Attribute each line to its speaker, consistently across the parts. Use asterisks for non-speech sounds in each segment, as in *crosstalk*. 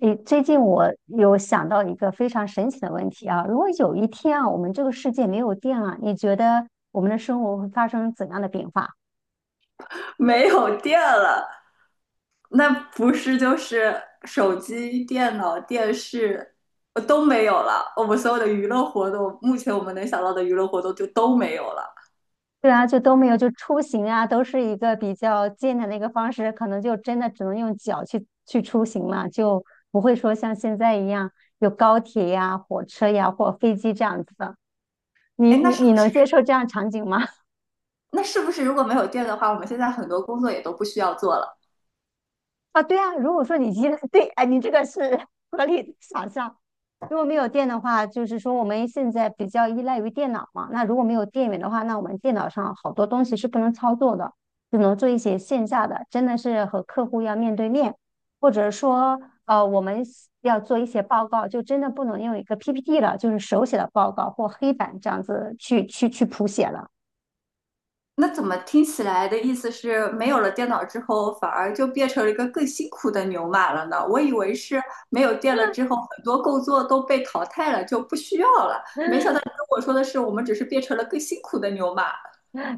Speaker 1: 诶，最近我有想到一个非常神奇的问题啊，如果有一天啊，我们这个世界没有电了，你觉得我们的生活会发生怎样的变化？
Speaker 2: *laughs* 没有电了，那不是就是手机、电脑、电视都没有了。我们所有的娱乐活动，目前我们能想到的娱乐活动就都没有了。
Speaker 1: 对啊，就都没有，就出行啊，都是一个比较艰难的一个方式，可能就真的只能用脚去出行了，就不会说像现在一样有高铁呀、火车呀或飞机这样子的。你
Speaker 2: 哎，那
Speaker 1: 你
Speaker 2: 是
Speaker 1: 你
Speaker 2: 不
Speaker 1: 能接
Speaker 2: 是？
Speaker 1: 受这样场景吗？
Speaker 2: 那是不是如果没有电的话，我们现在很多工作也都不需要做了？
Speaker 1: 啊，对啊，如果说你依赖，*laughs* 对，哎，你这个是合理的想象。如果没有电的话，就是说我们现在比较依赖于电脑嘛。那如果没有电源的话，那我们电脑上好多东西是不能操作的，只能做一些线下的，真的是和客户要面对面，或者说我们要做一些报告，就真的不能用一个 PPT 了，就是手写的报告或黑板这样子去谱写了。
Speaker 2: 那怎么听起来的意思是，没有了电脑之后，反而就变成了一个更辛苦的牛马了呢？我以为是没有电了之后，很多工作都被淘汰了，就不需要了。没想到你跟我说的是，我们只是变成了更辛苦的牛马。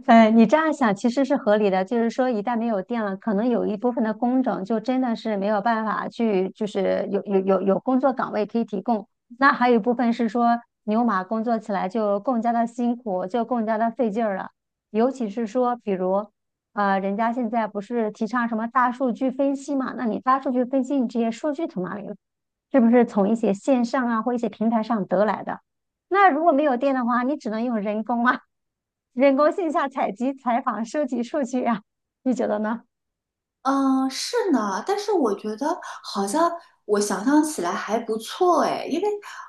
Speaker 1: 哎，你这样想其实是合理的，就是说一旦没有电了，可能有一部分的工种就真的是没有办法去，就是有工作岗位可以提供。那还有一部分是说牛马工作起来就更加的辛苦，就更加的费劲儿了。尤其是说，比如，人家现在不是提倡什么大数据分析嘛？那你大数据分析，你这些数据从哪里来？是不是从一些线上啊或一些平台上得来的？那如果没有电的话，你只能用人工啊。人工线下采集、采访、收集数据啊，你觉得呢？
Speaker 2: 嗯，是呢，但是我觉得好像我想象起来还不错哎，因为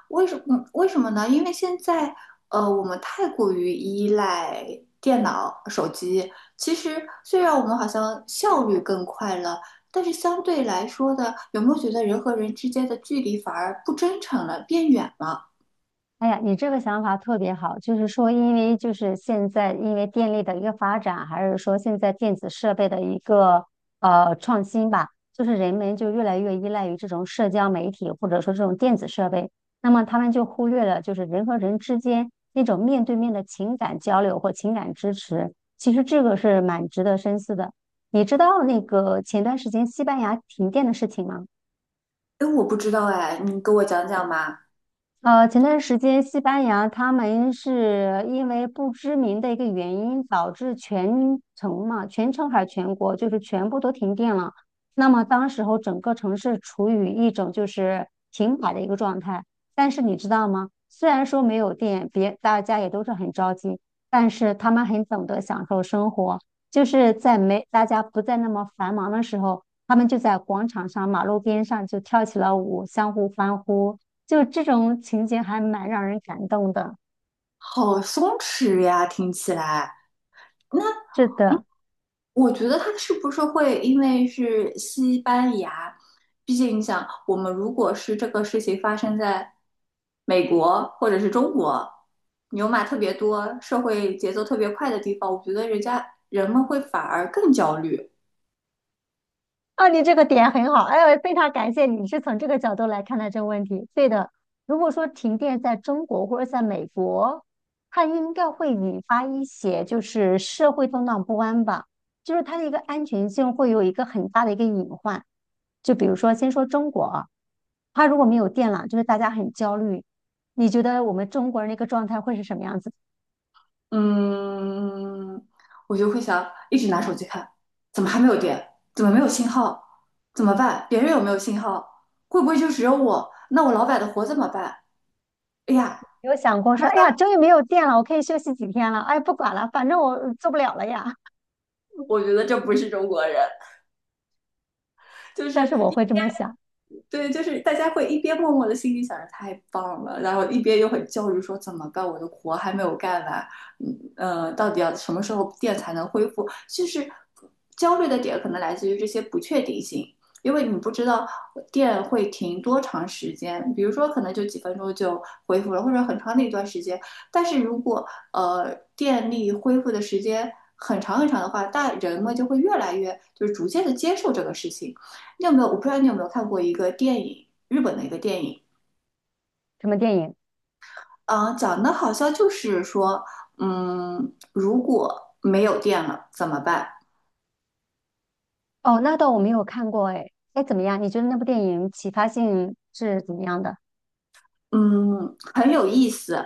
Speaker 2: 为什么呢？因为现在我们太过于依赖电脑、手机。其实虽然我们好像效率更快了，但是相对来说的，有没有觉得人和人之间的距离反而不真诚了，变远了？
Speaker 1: 哎呀，你这个想法特别好，就是说，因为就是现在因为电力的一个发展，还是说现在电子设备的一个创新吧，就是人们就越来越依赖于这种社交媒体或者说这种电子设备，那么他们就忽略了就是人和人之间那种面对面的情感交流或情感支持，其实这个是蛮值得深思的。你知道那个前段时间西班牙停电的事情吗？
Speaker 2: 哎，我不知道哎，你给我讲讲嘛。
Speaker 1: 前段时间西班牙他们是因为不知名的一个原因，导致全城嘛，全城还是全国，就是全部都停电了。那么当时候整个城市处于一种就是停摆的一个状态。但是你知道吗？虽然说没有电，别大家也都是很着急，但是他们很懂得享受生活，就是在没大家不再那么繁忙的时候，他们就在广场上、马路边上就跳起了舞，相互欢呼。就这种情节还蛮让人感动的。
Speaker 2: 好松弛呀，听起来。
Speaker 1: 是的，
Speaker 2: 我觉得他是不是会因为是西班牙？毕竟你想，我们如果是这个事情发生在美国或者是中国，牛马特别多、社会节奏特别快的地方，我觉得人家人们会反而更焦虑。
Speaker 1: 啊，你这个点很好，哎呦，非常感谢你是从这个角度来看待这个问题。对的，如果说停电在中国或者在美国，它应该会引发一些就是社会动荡不安吧，就是它的一个安全性会有一个很大的一个隐患。就比如说，先说中国啊，它如果没有电了，就是大家很焦虑。你觉得我们中国人的一个状态会是什么样子的？
Speaker 2: 嗯，我就会想一直拿手机看，怎么还没有电？怎么没有信号？怎么办？别人有没有信号？会不会就只有我？那我老板的活怎么办？哎呀，
Speaker 1: 有想过说，哎呀，
Speaker 2: *laughs*
Speaker 1: 终于没有电了，我可以休息几天了。哎，不管了，反正我做不了了呀。
Speaker 2: 我觉得这不是中国人。就是
Speaker 1: 但是我
Speaker 2: 一
Speaker 1: 会这
Speaker 2: 边
Speaker 1: 么想，
Speaker 2: 对，就是大家会一边默默的心里想着太棒了，然后一边又很焦虑说怎么办，我的活还没有干完，到底要什么时候店才能恢复？就是焦虑的点可能来自于这些不确定性。因为你不知道电会停多长时间，比如说可能就几分钟就恢复了，或者很长的一段时间。但是如果电力恢复的时间很长很长的话，大人们就会越来越就是逐渐的接受这个事情，你有没有？我不知道你有没有看过一个电影，日本的一个电影，
Speaker 1: 什么电影？
Speaker 2: 啊、讲的好像就是说，嗯，如果没有电了怎么办？
Speaker 1: 哦，那倒我没有看过哎。哎，怎么样？你觉得那部电影启发性是怎么样的？
Speaker 2: 嗯，很有意思。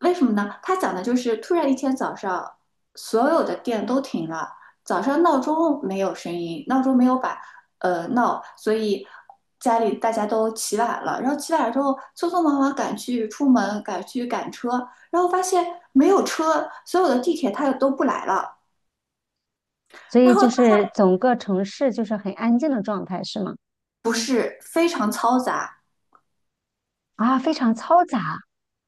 Speaker 2: 为什么呢？他讲的就是突然一天早上，所有的店都停了，早上闹钟没有声音，闹钟没有把闹，所以家里大家都起晚了。然后起晚了之后，匆匆忙忙赶去出门，赶去赶车，然后发现没有车，所有的地铁它也都不来了。
Speaker 1: 所以
Speaker 2: 然
Speaker 1: 就
Speaker 2: 后
Speaker 1: 是整个城市就是很安静的状态，是吗？
Speaker 2: 不是非常嘈杂，
Speaker 1: 啊，非常嘈杂，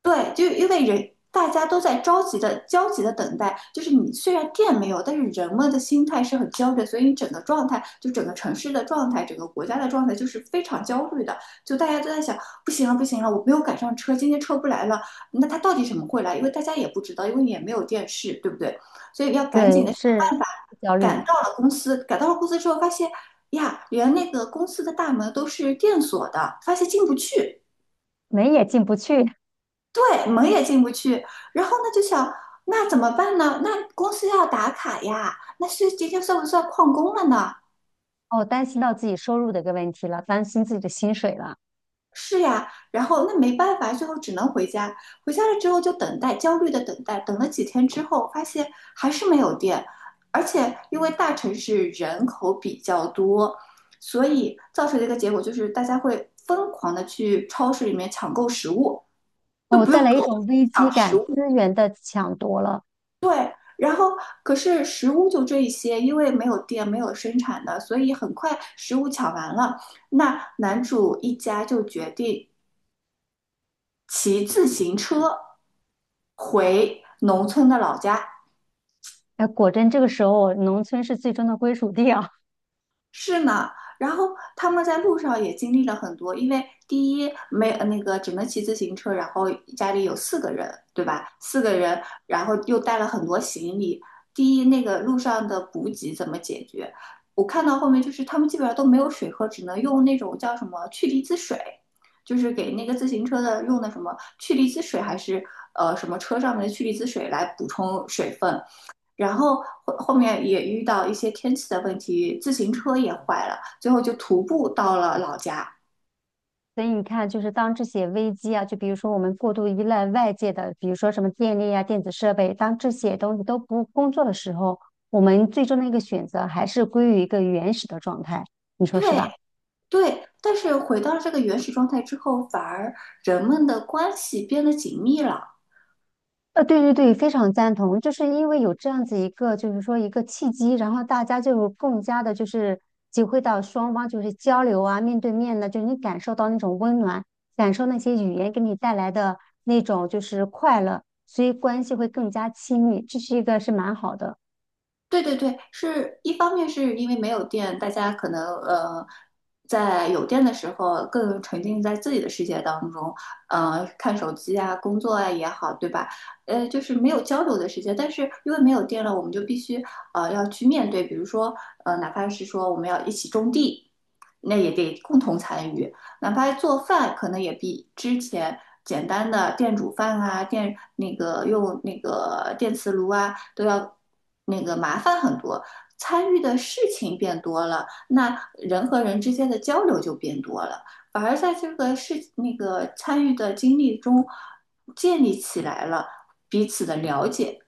Speaker 2: 对，就因为人大家都在着急的、焦急的等待，就是你虽然电没有，但是人们的心态是很焦虑的，所以你整个状态，就整个城市的状态，整个国家的状态就是非常焦虑的。就大家都在想，不行了，不行了，我没有赶上车，今天车不来了。那他到底什么会来？因为大家也不知道，因为也没有电视，对不对？所以要赶紧
Speaker 1: 对，
Speaker 2: 的想
Speaker 1: 是
Speaker 2: 办法
Speaker 1: 焦虑，
Speaker 2: 赶到了公司。赶到了公司之后，发现呀，连那个公司的大门都是电锁的，发现进不去。
Speaker 1: 门也进不去。
Speaker 2: 对，门也进不去。然后呢，就想那怎么办呢？那公司要打卡呀，那是今天算不算旷工了呢？
Speaker 1: 哦，担心到自己收入的一个问题了，担心自己的薪水了。
Speaker 2: 是呀，然后那没办法，最后只能回家。回家了之后就等待，焦虑的等待，等了几天之后，发现还是没有电，而且因为大城市人口比较多，所以造成的一个结果就是大家会疯狂的去超市里面抢购食物，都
Speaker 1: 哦，
Speaker 2: 不用
Speaker 1: 带来一
Speaker 2: 购，
Speaker 1: 种危机
Speaker 2: 抢食
Speaker 1: 感，
Speaker 2: 物
Speaker 1: 资源的抢夺了。
Speaker 2: 对，然后可是食物就这一些，因为没有店，没有生产的，所以很快食物抢完了。那男主一家就决定骑自行车回农村的老家，
Speaker 1: 哎，果真这个时候，农村是最终的归属地啊。*laughs*
Speaker 2: 是呢，然后他们在路上也经历了很多，因为第一没呃那个只能骑自行车，然后家里有四个人，对吧？四个人，然后又带了很多行李。第一，那个路上的补给怎么解决？我看到后面就是他们基本上都没有水喝，只能用那种叫什么去离子水，就是给那个自行车的用的什么去离子水还是什么车上面的去离子水来补充水分。然后后面也遇到一些天气的问题，自行车也坏了，最后就徒步到了老家。
Speaker 1: 所以你看，就是当这些危机啊，就比如说我们过度依赖外界的，比如说什么电力啊、电子设备，当这些东西都不工作的时候，我们最终的一个选择还是归于一个原始的状态，你说是
Speaker 2: 对
Speaker 1: 吧？
Speaker 2: 对，但是回到了这个原始状态之后，反而人们的关系变得紧密了。
Speaker 1: 对对对，非常赞同，就是因为有这样子一个，就是说一个契机，然后大家就更加的，就是体会到双方就是交流啊，面对面的，就是你感受到那种温暖，感受那些语言给你带来的那种就是快乐，所以关系会更加亲密，这是一个是蛮好的。
Speaker 2: 对对对，是一方面是因为没有电，大家可能在有电的时候更沉浸在自己的世界当中，看手机啊、工作啊也好，对吧？就是没有交流的时间。但是因为没有电了，我们就必须要去面对，比如说哪怕是说我们要一起种地，那也得共同参与。哪怕做饭，可能也比之前简单的电煮饭啊、电那个用那个电磁炉啊，都要那个麻烦很多。参与的事情变多了，那人和人之间的交流就变多了，反而在这个事那个参与的经历中建立起来了彼此的了解。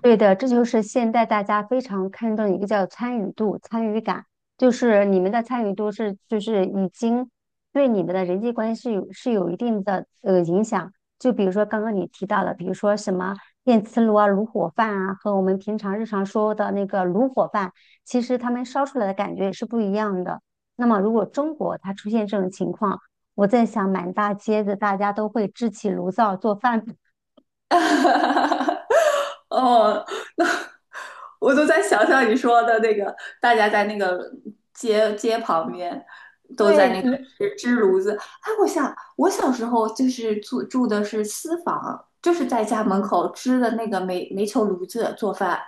Speaker 1: 对的，这就是现在大家非常看重的一个叫参与度、参与感，就是你们的参与度是就是已经对你们的人际关系有是有一定的影响。就比如说刚刚你提到的，比如说什么电磁炉啊、炉火饭啊，和我们平常日常说的那个炉火饭，其实他们烧出来的感觉也是不一样的。那么如果中国它出现这种情况，我在想满大街的大家都会支起炉灶做饭。*laughs*
Speaker 2: *laughs* 哦，那我都在想象你说的那个，大家在那个街旁边都在
Speaker 1: 对，
Speaker 2: 那个
Speaker 1: 嗯
Speaker 2: 支炉子。哎，我想我小时候就是住的是私房，就是在家门口支的那个煤球炉子做饭，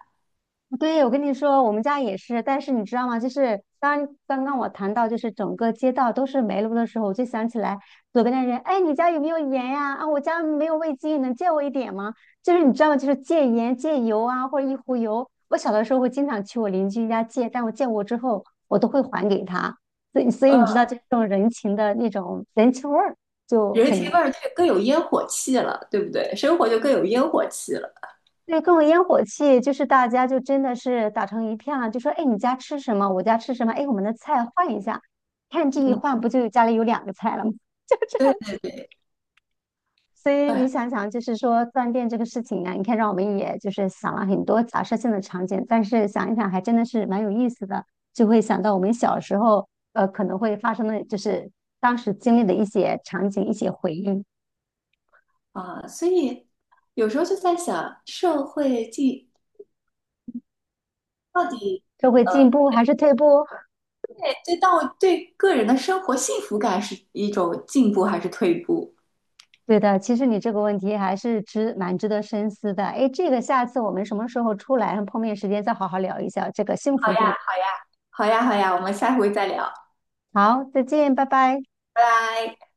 Speaker 1: 对，我跟你说，我们家也是，但是你知道吗？就是当刚刚我谈到就是整个街道都是煤炉的时候，我就想起来左边的人，哎，你家有没有盐呀？啊，我家没有味精，能借我一点吗？就是你知道吗？就是借盐、借油啊，或者一壶油。我小的时候会经常去我邻居家借，但我借过之后，我都会还给他。所以，所以
Speaker 2: 呃，
Speaker 1: 你知道这种人情的那种人情味儿就
Speaker 2: 人
Speaker 1: 很
Speaker 2: 情味
Speaker 1: 浓。
Speaker 2: 儿却更有烟火气了，对不对？生活就更有烟火气了。
Speaker 1: 对，各种烟火气，就是大家就真的是打成一片了，就说，哎，你家吃什么？我家吃什么？哎，我们的菜换一下，看这一
Speaker 2: 嗯，
Speaker 1: 换，不就家里有两个菜了吗？*laughs* 就这
Speaker 2: 对
Speaker 1: 样子。
Speaker 2: 对对，
Speaker 1: 所以你
Speaker 2: 哎
Speaker 1: 想想，就是说断电这个事情啊，你看让我们也就是想了很多假设性的场景，但是想一想还真的是蛮有意思的，就会想到我们小时候可能会发生的，就是当时经历的一些场景、一些回忆，
Speaker 2: 啊，所以有时候就在想，社会进到底
Speaker 1: 社会进步还是退步？
Speaker 2: 对到对个人的生活幸福感是一种进步还是退步？
Speaker 1: 对的，其实你这个问题还是值蛮值得深思的。哎，这个下次我们什么时候出来碰面时间再好好聊一下这个幸福度。
Speaker 2: 好呀，好呀，我们下回再聊，
Speaker 1: 好，再见，拜拜。
Speaker 2: 拜拜。